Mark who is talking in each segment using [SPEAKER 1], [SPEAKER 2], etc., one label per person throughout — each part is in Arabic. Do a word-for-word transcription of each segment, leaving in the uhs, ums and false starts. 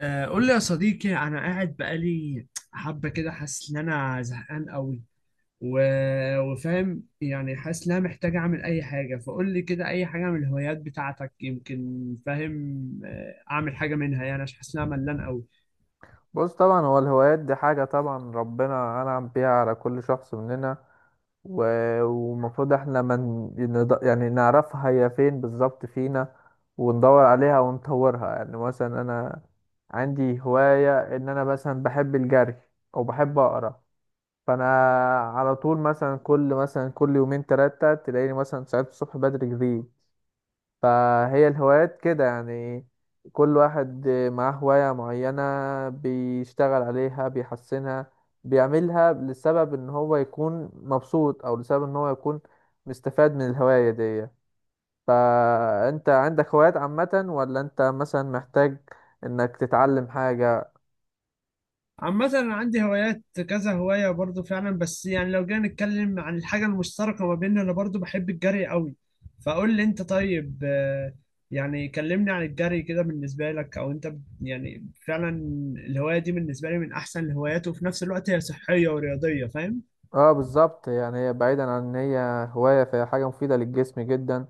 [SPEAKER 1] آه، قول لي يا صديقي، انا قاعد بقالي حبه كده حاسس ان انا زهقان قوي و... وفاهم، يعني حاسس ان انا محتاج اعمل اي حاجه. فقول لي كده اي حاجه من الهوايات بتاعتك، يمكن فاهم. آه، اعمل حاجه منها يعني، عشان حاسس ان انا ملان قوي.
[SPEAKER 2] بص طبعا هو الهوايات دي حاجة، طبعا ربنا أنعم بيها على كل شخص مننا. و- والمفروض احنا من يعني نعرفها هي فين بالظبط فينا، وندور عليها ونطورها. يعني مثلا أنا عندي هواية إن أنا مثلا بحب الجري أو بحب أقرأ، فأنا على طول مثلا كل مثلا كل يومين تلاتة تلاقيني مثلا ساعات الصبح بدري جري. فهي الهوايات كده يعني، كل واحد معاه هواية معينة، بيشتغل عليها، بيحسنها، بيعملها لسبب ان هو يكون مبسوط او لسبب ان هو يكون مستفاد من الهواية دي. فانت عندك هوايات عامة ولا انت مثلا محتاج انك تتعلم حاجة؟
[SPEAKER 1] عامة أنا عندي هوايات، كذا هواية برضو فعلا. بس يعني لو جينا نتكلم عن الحاجة المشتركة ما بيننا، أنا برضو بحب الجري قوي. فقول لي أنت طيب. آه، يعني كلمني عن الجري كده بالنسبة لك، أو أنت ب- يعني فعلا الهواية دي بالنسبة لي من أحسن الهوايات، وفي نفس الوقت هي صحية ورياضية، فاهم؟
[SPEAKER 2] اه، بالظبط. يعني هي بعيدا عن ان هي هواية، فهي حاجة مفيدة للجسم جدا،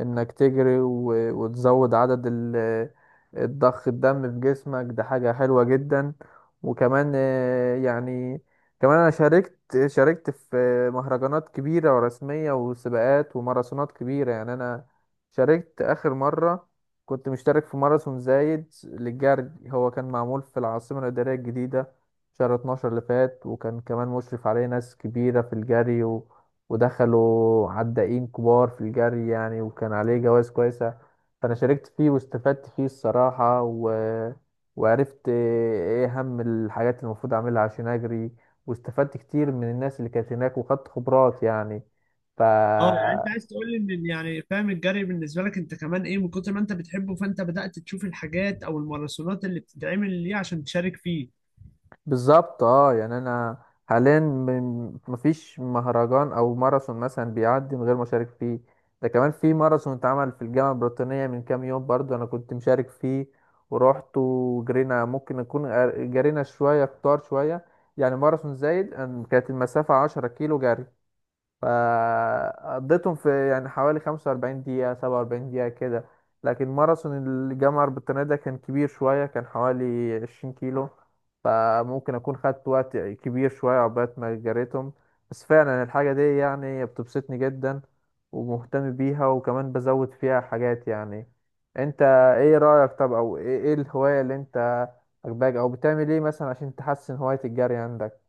[SPEAKER 2] انك تجري و- وتزود عدد ال- الضخ الدم في جسمك، ده حاجة حلوة جدا. وكمان آه، يعني كمان انا شاركت شاركت في مهرجانات كبيرة ورسمية وسباقات وماراثونات كبيرة. يعني انا شاركت اخر مرة كنت مشترك في ماراثون زايد للجري، هو كان معمول في العاصمة الإدارية الجديدة شهر اتناشر اللي فات، وكان كمان مشرف عليه ناس كبيرة في الجري، و... ودخلوا عدائين كبار في الجري يعني، وكان عليه جوائز كويسة. فأنا شاركت فيه واستفدت فيه الصراحة، و... وعرفت إيه أهم الحاجات اللي المفروض أعملها عشان أجري، واستفدت كتير من الناس اللي كانت هناك وخدت خبرات يعني. ف...
[SPEAKER 1] اه يعني أنت
[SPEAKER 2] مم.
[SPEAKER 1] عايز تقول لي إن، يعني فاهم، الجري بالنسبة لك أنت كمان إيه من كتر ما أنت بتحبه، فأنت بدأت تشوف الحاجات أو الماراثونات اللي بتتعمل ليه عشان تشارك فيه.
[SPEAKER 2] بالظبط، اه. يعني انا حاليا م- مفيش مهرجان او ماراثون مثلا بيعدي من غير ما اشارك فيه. ده كمان في ماراثون اتعمل في الجامعه البريطانيه من كام يوم، برضو انا كنت مشارك فيه ورحت وجرينا. ممكن نكون جرينا شويه كتار شويه. يعني ماراثون زايد أن- كانت المسافه عشرة كيلو جري، فقضيتهم في يعني حوالي خمسة واربعين دقيقة سبعة واربعين دقيقة كده. لكن ماراثون الجامعة البريطانية ده كان كبير شوية، كان حوالي عشرين كيلو، فممكن أكون خدت وقت كبير شوية عقبال ما جريتهم. بس فعلا الحاجة دي يعني بتبسطني جدا ومهتم بيها وكمان بزود فيها حاجات يعني. انت ايه رأيك؟ طب او ايه إيه الهواية اللي انت عجباك، او بتعمل ايه مثلا عشان تحسن هواية الجري عندك؟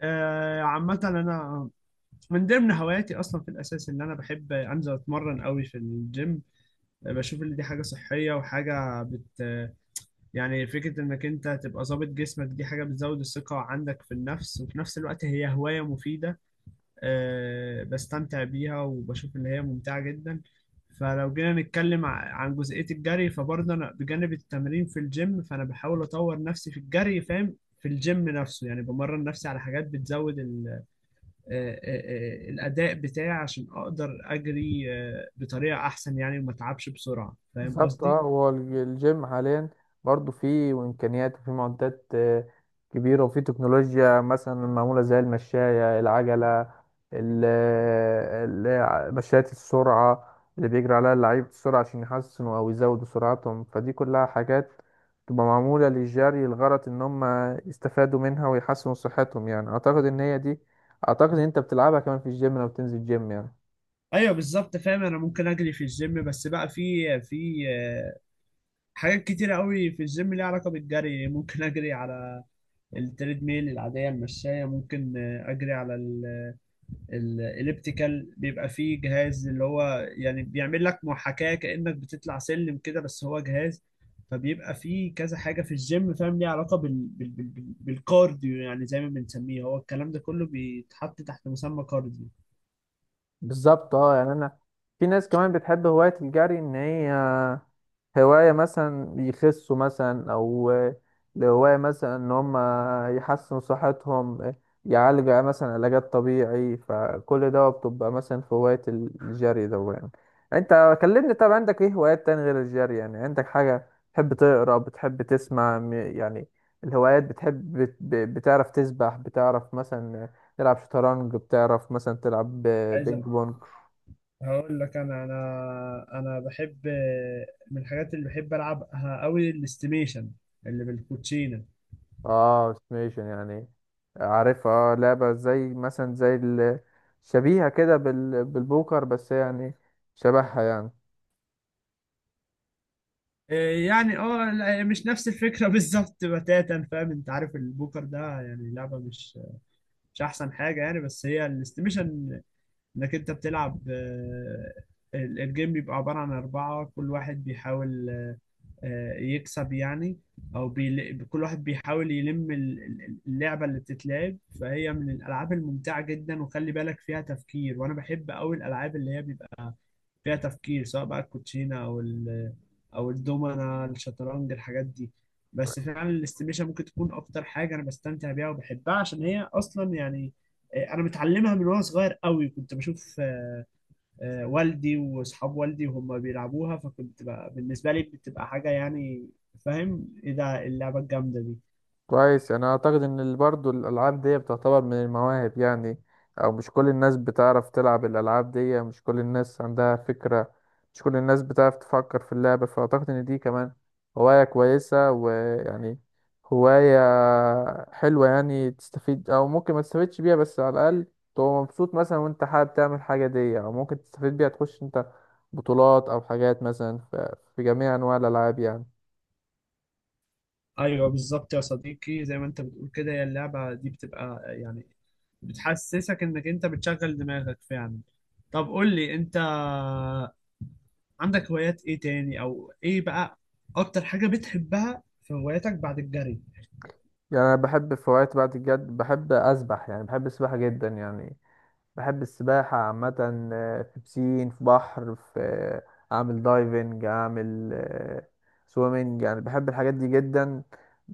[SPEAKER 1] آه، عامة أنا من ضمن هواياتي اصلا في الاساس ان انا بحب انزل اتمرن قوي في الجيم. بشوف ان دي حاجه صحيه وحاجه بت، يعني فكره انك انت تبقى ظابط جسمك دي حاجه بتزود الثقه عندك في النفس، وفي نفس الوقت هي هوايه مفيده. أه بستمتع بيها وبشوف ان هي ممتعه جدا. فلو جينا نتكلم ع- عن جزئيه الجري، فبرضه انا بجانب التمرين في الجيم فانا بحاول اطور نفسي في الجري، فاهم. في الجيم نفسه يعني بمرن نفسي على حاجات بتزود آه، آه، آه، الاداء بتاعي عشان اقدر اجري آه، بطريقه احسن يعني، وما اتعبش بسرعه، فاهم
[SPEAKER 2] بالظبط،
[SPEAKER 1] قصدي.
[SPEAKER 2] اه. هو الج- الجيم حاليا برضو فيه امكانيات وفيه معدات آه، كبيره، وفيه تكنولوجيا مثلا معموله زي المشايه العجله، ال- ال- ع- مشاية السرعه اللي بيجري عليها اللعيب السرعه عشان يحسنوا او يزودوا سرعتهم. فدي كلها حاجات تبقى معموله للجري، الغرض ان هم يستفادوا منها ويحسنوا صحتهم. يعني اعتقد ان هي دي، اعتقد ان انت بتلعبها كمان في الجيم لو بتنزل جيم يعني.
[SPEAKER 1] ايوه بالظبط فاهم. انا ممكن اجري في الجيم، بس بقى في في آه، حاجات كتيره قوي في الجيم ليها علاقه بالجري. ممكن اجري على التريد ميل العاديه المشايه. ممكن آه، اجري على ال الاليبتيكال، بيبقى فيه جهاز اللي هو يعني بيعمل لك محاكاة كأنك بتطلع سلم كده، بس هو جهاز. فبيبقى فيه كذا حاجة في الجيم، فاهم، ليها علاقة بال... بال... بال... بال- بالكارديو، يعني زي ما بنسميه، هو الكلام ده كله بيتحط تحت مسمى كارديو.
[SPEAKER 2] بالظبط، اه. يعني انا في ناس كمان بتحب هواية الجري ان هي هواية مثلا يخسوا مثلا، او هواية مثلا ان هم يحسنوا صحتهم، يعالجوا مثلا علاجات طبيعي، فكل ده بتبقى مثلا في هواية الجري ده يعني. انت كلمني، طب عندك ايه هوايات تاني غير الجري؟ يعني عندك حاجة بتحب تقرا، بتحب تسمع، م- يعني الهوايات، بتحب بت- بتعرف تسبح، بتعرف مثلا تلعب شطرنج، بتعرف مثلا تلعب ب-
[SPEAKER 1] عايز
[SPEAKER 2] بينج
[SPEAKER 1] أ-
[SPEAKER 2] بونج؟
[SPEAKER 1] هقول لك، انا انا انا بحب، من الحاجات اللي بحب العبها قوي الاستيميشن اللي بالكوتشينه.
[SPEAKER 2] اه، استيميشن، يعني عارفها، اه. لعبة زي مثلا زي ال- شبيهة كده بال- بالبوكر، بس يعني شبهها يعني.
[SPEAKER 1] إيه يعني؟ اه لا، مش نفس الفكره بالظبط بتاتا، فاهم؟ انت عارف البوكر ده يعني لعبه مش مش احسن حاجه يعني. بس هي الاستيميشن، انك انت بتلعب، آه، ال- الجيم بيبقى عباره عن اربعه، كل واحد بيحاول آه، يكسب يعني، او بيل... كل واحد بيحاول يلم ال- ال- اللعبه اللي بتتلعب. فهي من الالعاب الممتعه جدا وخلي بالك فيها تفكير، وانا بحب قوي الالعاب اللي هي بيبقى فيها تفكير، سواء بقى الكوتشينه او ال او الدومنه، الشطرنج، الحاجات دي. بس فعلا الاستيميشن ممكن تكون اكتر حاجه انا بستمتع بيها وبحبها، عشان هي اصلا يعني آه، انا متعلمها من وانا صغير قوي. كنت بشوف آه، آه، والدي واصحاب والدي وهم بيلعبوها، فكنت بقى بالنسبه لي بتبقى حاجه يعني، فاهم، ايه ده اللعبه الجامده دي.
[SPEAKER 2] كويس، يعني انا اعتقد ان برضه الالعاب دي بتعتبر من المواهب يعني، او مش كل الناس بتعرف تلعب الالعاب دي، مش كل الناس عندها فكرة، مش كل الناس بتعرف تفكر في اللعبة. فاعتقد ان دي كمان هواية كويسة، ويعني هواية حلوة يعني، تستفيد او ممكن ما تستفيدش بيها، بس على الاقل تبقى مبسوط مثلا وانت حابب تعمل حاجة دي، او ممكن تستفيد بيها تخش انت بطولات او حاجات مثلا. ف- في جميع انواع الالعاب يعني.
[SPEAKER 1] ايوه بالظبط يا صديقي، زي ما انت بتقول كده، هي اللعبه دي بتبقى يعني بتحسسك انك انت بتشغل دماغك فعلا. طب قول لي انت، عندك هوايات ايه تاني، او ايه بقى اكتر حاجة بتحبها في هواياتك بعد الجري؟
[SPEAKER 2] يعني انا بحب في وقت بعد الجد بحب اسبح، يعني بحب السباحه جدا يعني، بحب السباحة عامة. آه، في بسين، في بحر، في آه، أعمل دايفنج، أعمل آه، سويمنج، يعني بحب الحاجات دي جدا.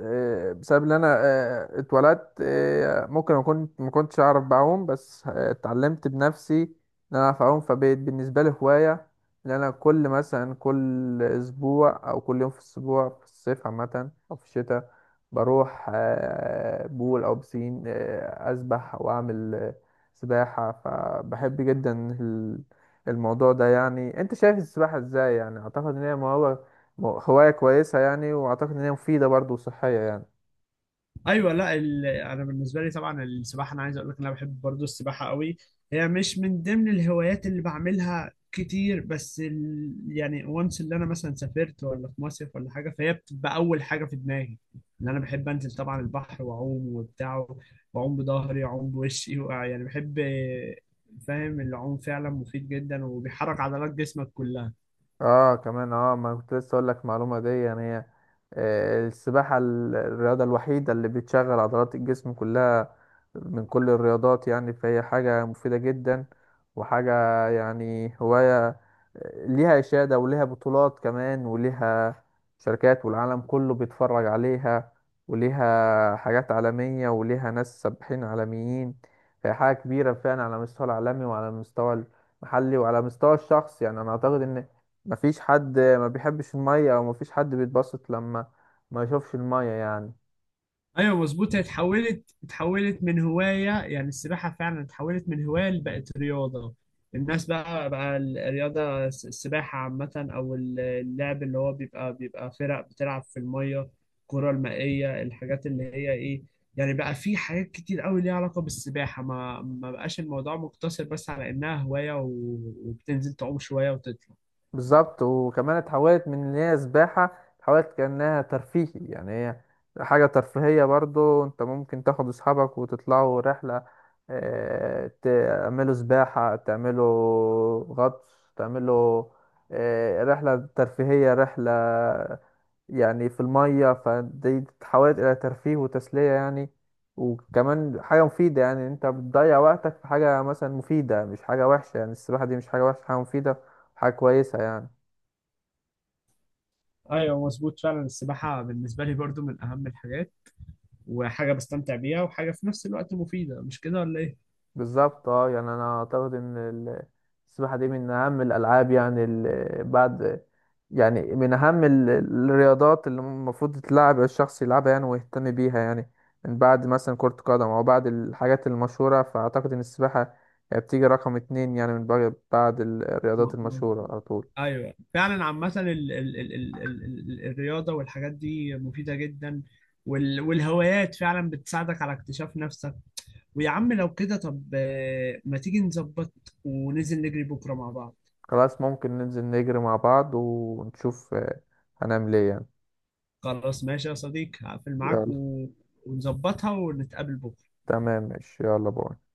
[SPEAKER 2] آه، بسبب إن أنا آه، اتولدت آه، ممكن أكون ما كنتش أعرف بعوم، بس آه، اتعلمت بنفسي إن أنا أعرف أعوم. فبقت بالنسبة لي هواية إن أنا كل مثلا كل أسبوع أو كل يوم في الأسبوع في الصيف عامة أو في الشتاء، بروح آه، بول أو بسين آه، أسبح أو أعمل آه، سباحة. فبحب جدا ال- الموضوع ده يعني. انت شايف السباحة ازاي؟ يعني اعتقد ان هي موهبة- هواية كويسة يعني، واعتقد ان هي مفيدة برضه وصحية يعني.
[SPEAKER 1] ايوه لا، ال... انا بالنسبه لي طبعا السباحه، انا عايز اقول لك ان انا بحب برضو السباحه قوي. هي مش من ضمن الهوايات اللي بعملها كتير، بس ال... يعني وانس اللي انا مثلا سافرت ولا في مصيف ولا حاجه، فهي بتبقى اول حاجه في دماغي ان انا بحب انزل طبعا البحر واعوم وبتاع، واعوم بظهري واعوم بوشي وع- يعني بحب، فاهم، العوم فعلا مفيد جدا، وبيحرك عضلات جسمك كلها.
[SPEAKER 2] اه كمان، اه. ما كنت لسه اقول لك معلومه دي، يعني هي آه، السباحه ال- الرياضه الوحيده اللي بتشغل عضلات الجسم كلها من كل الرياضات يعني. فهي حاجه مفيده جدا، وحاجه يعني هوايه آه، ليها اشاده وليها بطولات كمان، وليها شركات والعالم كله بيتفرج عليها، وليها حاجات عالميه وليها ناس سباحين عالميين. فهي حاجه كبيره فعلا على مستوى العالمي وعلى المستوى المحلي وعلى مستوى الشخص. يعني انا اعتقد ان مفيش حد ما بيحبش المية، او مفيش حد بيتبسط لما ما يشوفش المية يعني.
[SPEAKER 1] ايوه مظبوط، هي اتحولت اتحولت من هوايه، يعني السباحه فعلا اتحولت من هوايه بقت رياضه. الناس بقى بقى الرياضه الس- السباحه عامه، او ال- اللعب اللي هو بيبقى بيبقى فرق بتلعب في الميه، الكره المائيه، الحاجات اللي هي ايه، يعني بقى في حاجات كتير قوي ليها علاقه بالسباحه. ما ما بقاش الموضوع مقتصر بس على انها هوايه و- وبتنزل تعوم شويه وتطلع.
[SPEAKER 2] بالظبط. وكمان اتحولت من ان هي سباحة، اتحولت كأنها ترفيهي يعني، هي حاجة ترفيهية برضو. انت ممكن تاخد اصحابك وتطلعوا رحلة، اه، تعملوا سباحة، تعملوا غطس، تعملوا اه، رحلة ترفيهية، رحلة يعني في المية. فدي تتحول إلى ترفيه وتسلية يعني، وكمان حاجة مفيدة. يعني أنت بتضيع وقتك في حاجة مثلا مفيدة مش حاجة وحشة، يعني السباحة دي مش حاجة وحشة، حاجة مفيدة، حاجة كويسة يعني.
[SPEAKER 1] ايوه مظبوط فعلا، السباحه بالنسبه لي برضو من اهم الحاجات، وحاجة بستمتع بيها، وحاجة في نفس الوقت مفيدة، مش كده ولا إيه؟
[SPEAKER 2] بالظبط، اه. يعني انا اعتقد ان ال- السباحه دي من اهم الالعاب، يعني ال- بعد يعني من اهم ال- الرياضات اللي المفروض تتلعب الشخص يلعبها يعني ويهتم بيها، يعني من بعد مثلا كره قدم او بعد الحاجات المشهوره. فاعتقد ان السباحه بتيجي رقم اتنين يعني، من بعد بعد
[SPEAKER 1] م-
[SPEAKER 2] الرياضات المشهوره
[SPEAKER 1] مظبوط.
[SPEAKER 2] على طول.
[SPEAKER 1] أيوه فعلا، عامة ال ال ال ال ال ال الرياضة والحاجات دي مفيدة جدا، وال والهوايات فعلا بتساعدك على اكتشاف نفسك. ويا عم، لو كده طب آه، ما تيجي نظبط وننزل نجري بكرة مع بعض.
[SPEAKER 2] خلاص، ممكن ننزل نجري مع بعض ونشوف آه، هنعمل ايه يعني.
[SPEAKER 1] خلاص ماشي يا صديقي، هقفل معاك
[SPEAKER 2] يلا.
[SPEAKER 1] و... ونظبطها ونتقابل بكرة.
[SPEAKER 2] تمام، ماشي، يلا، باي.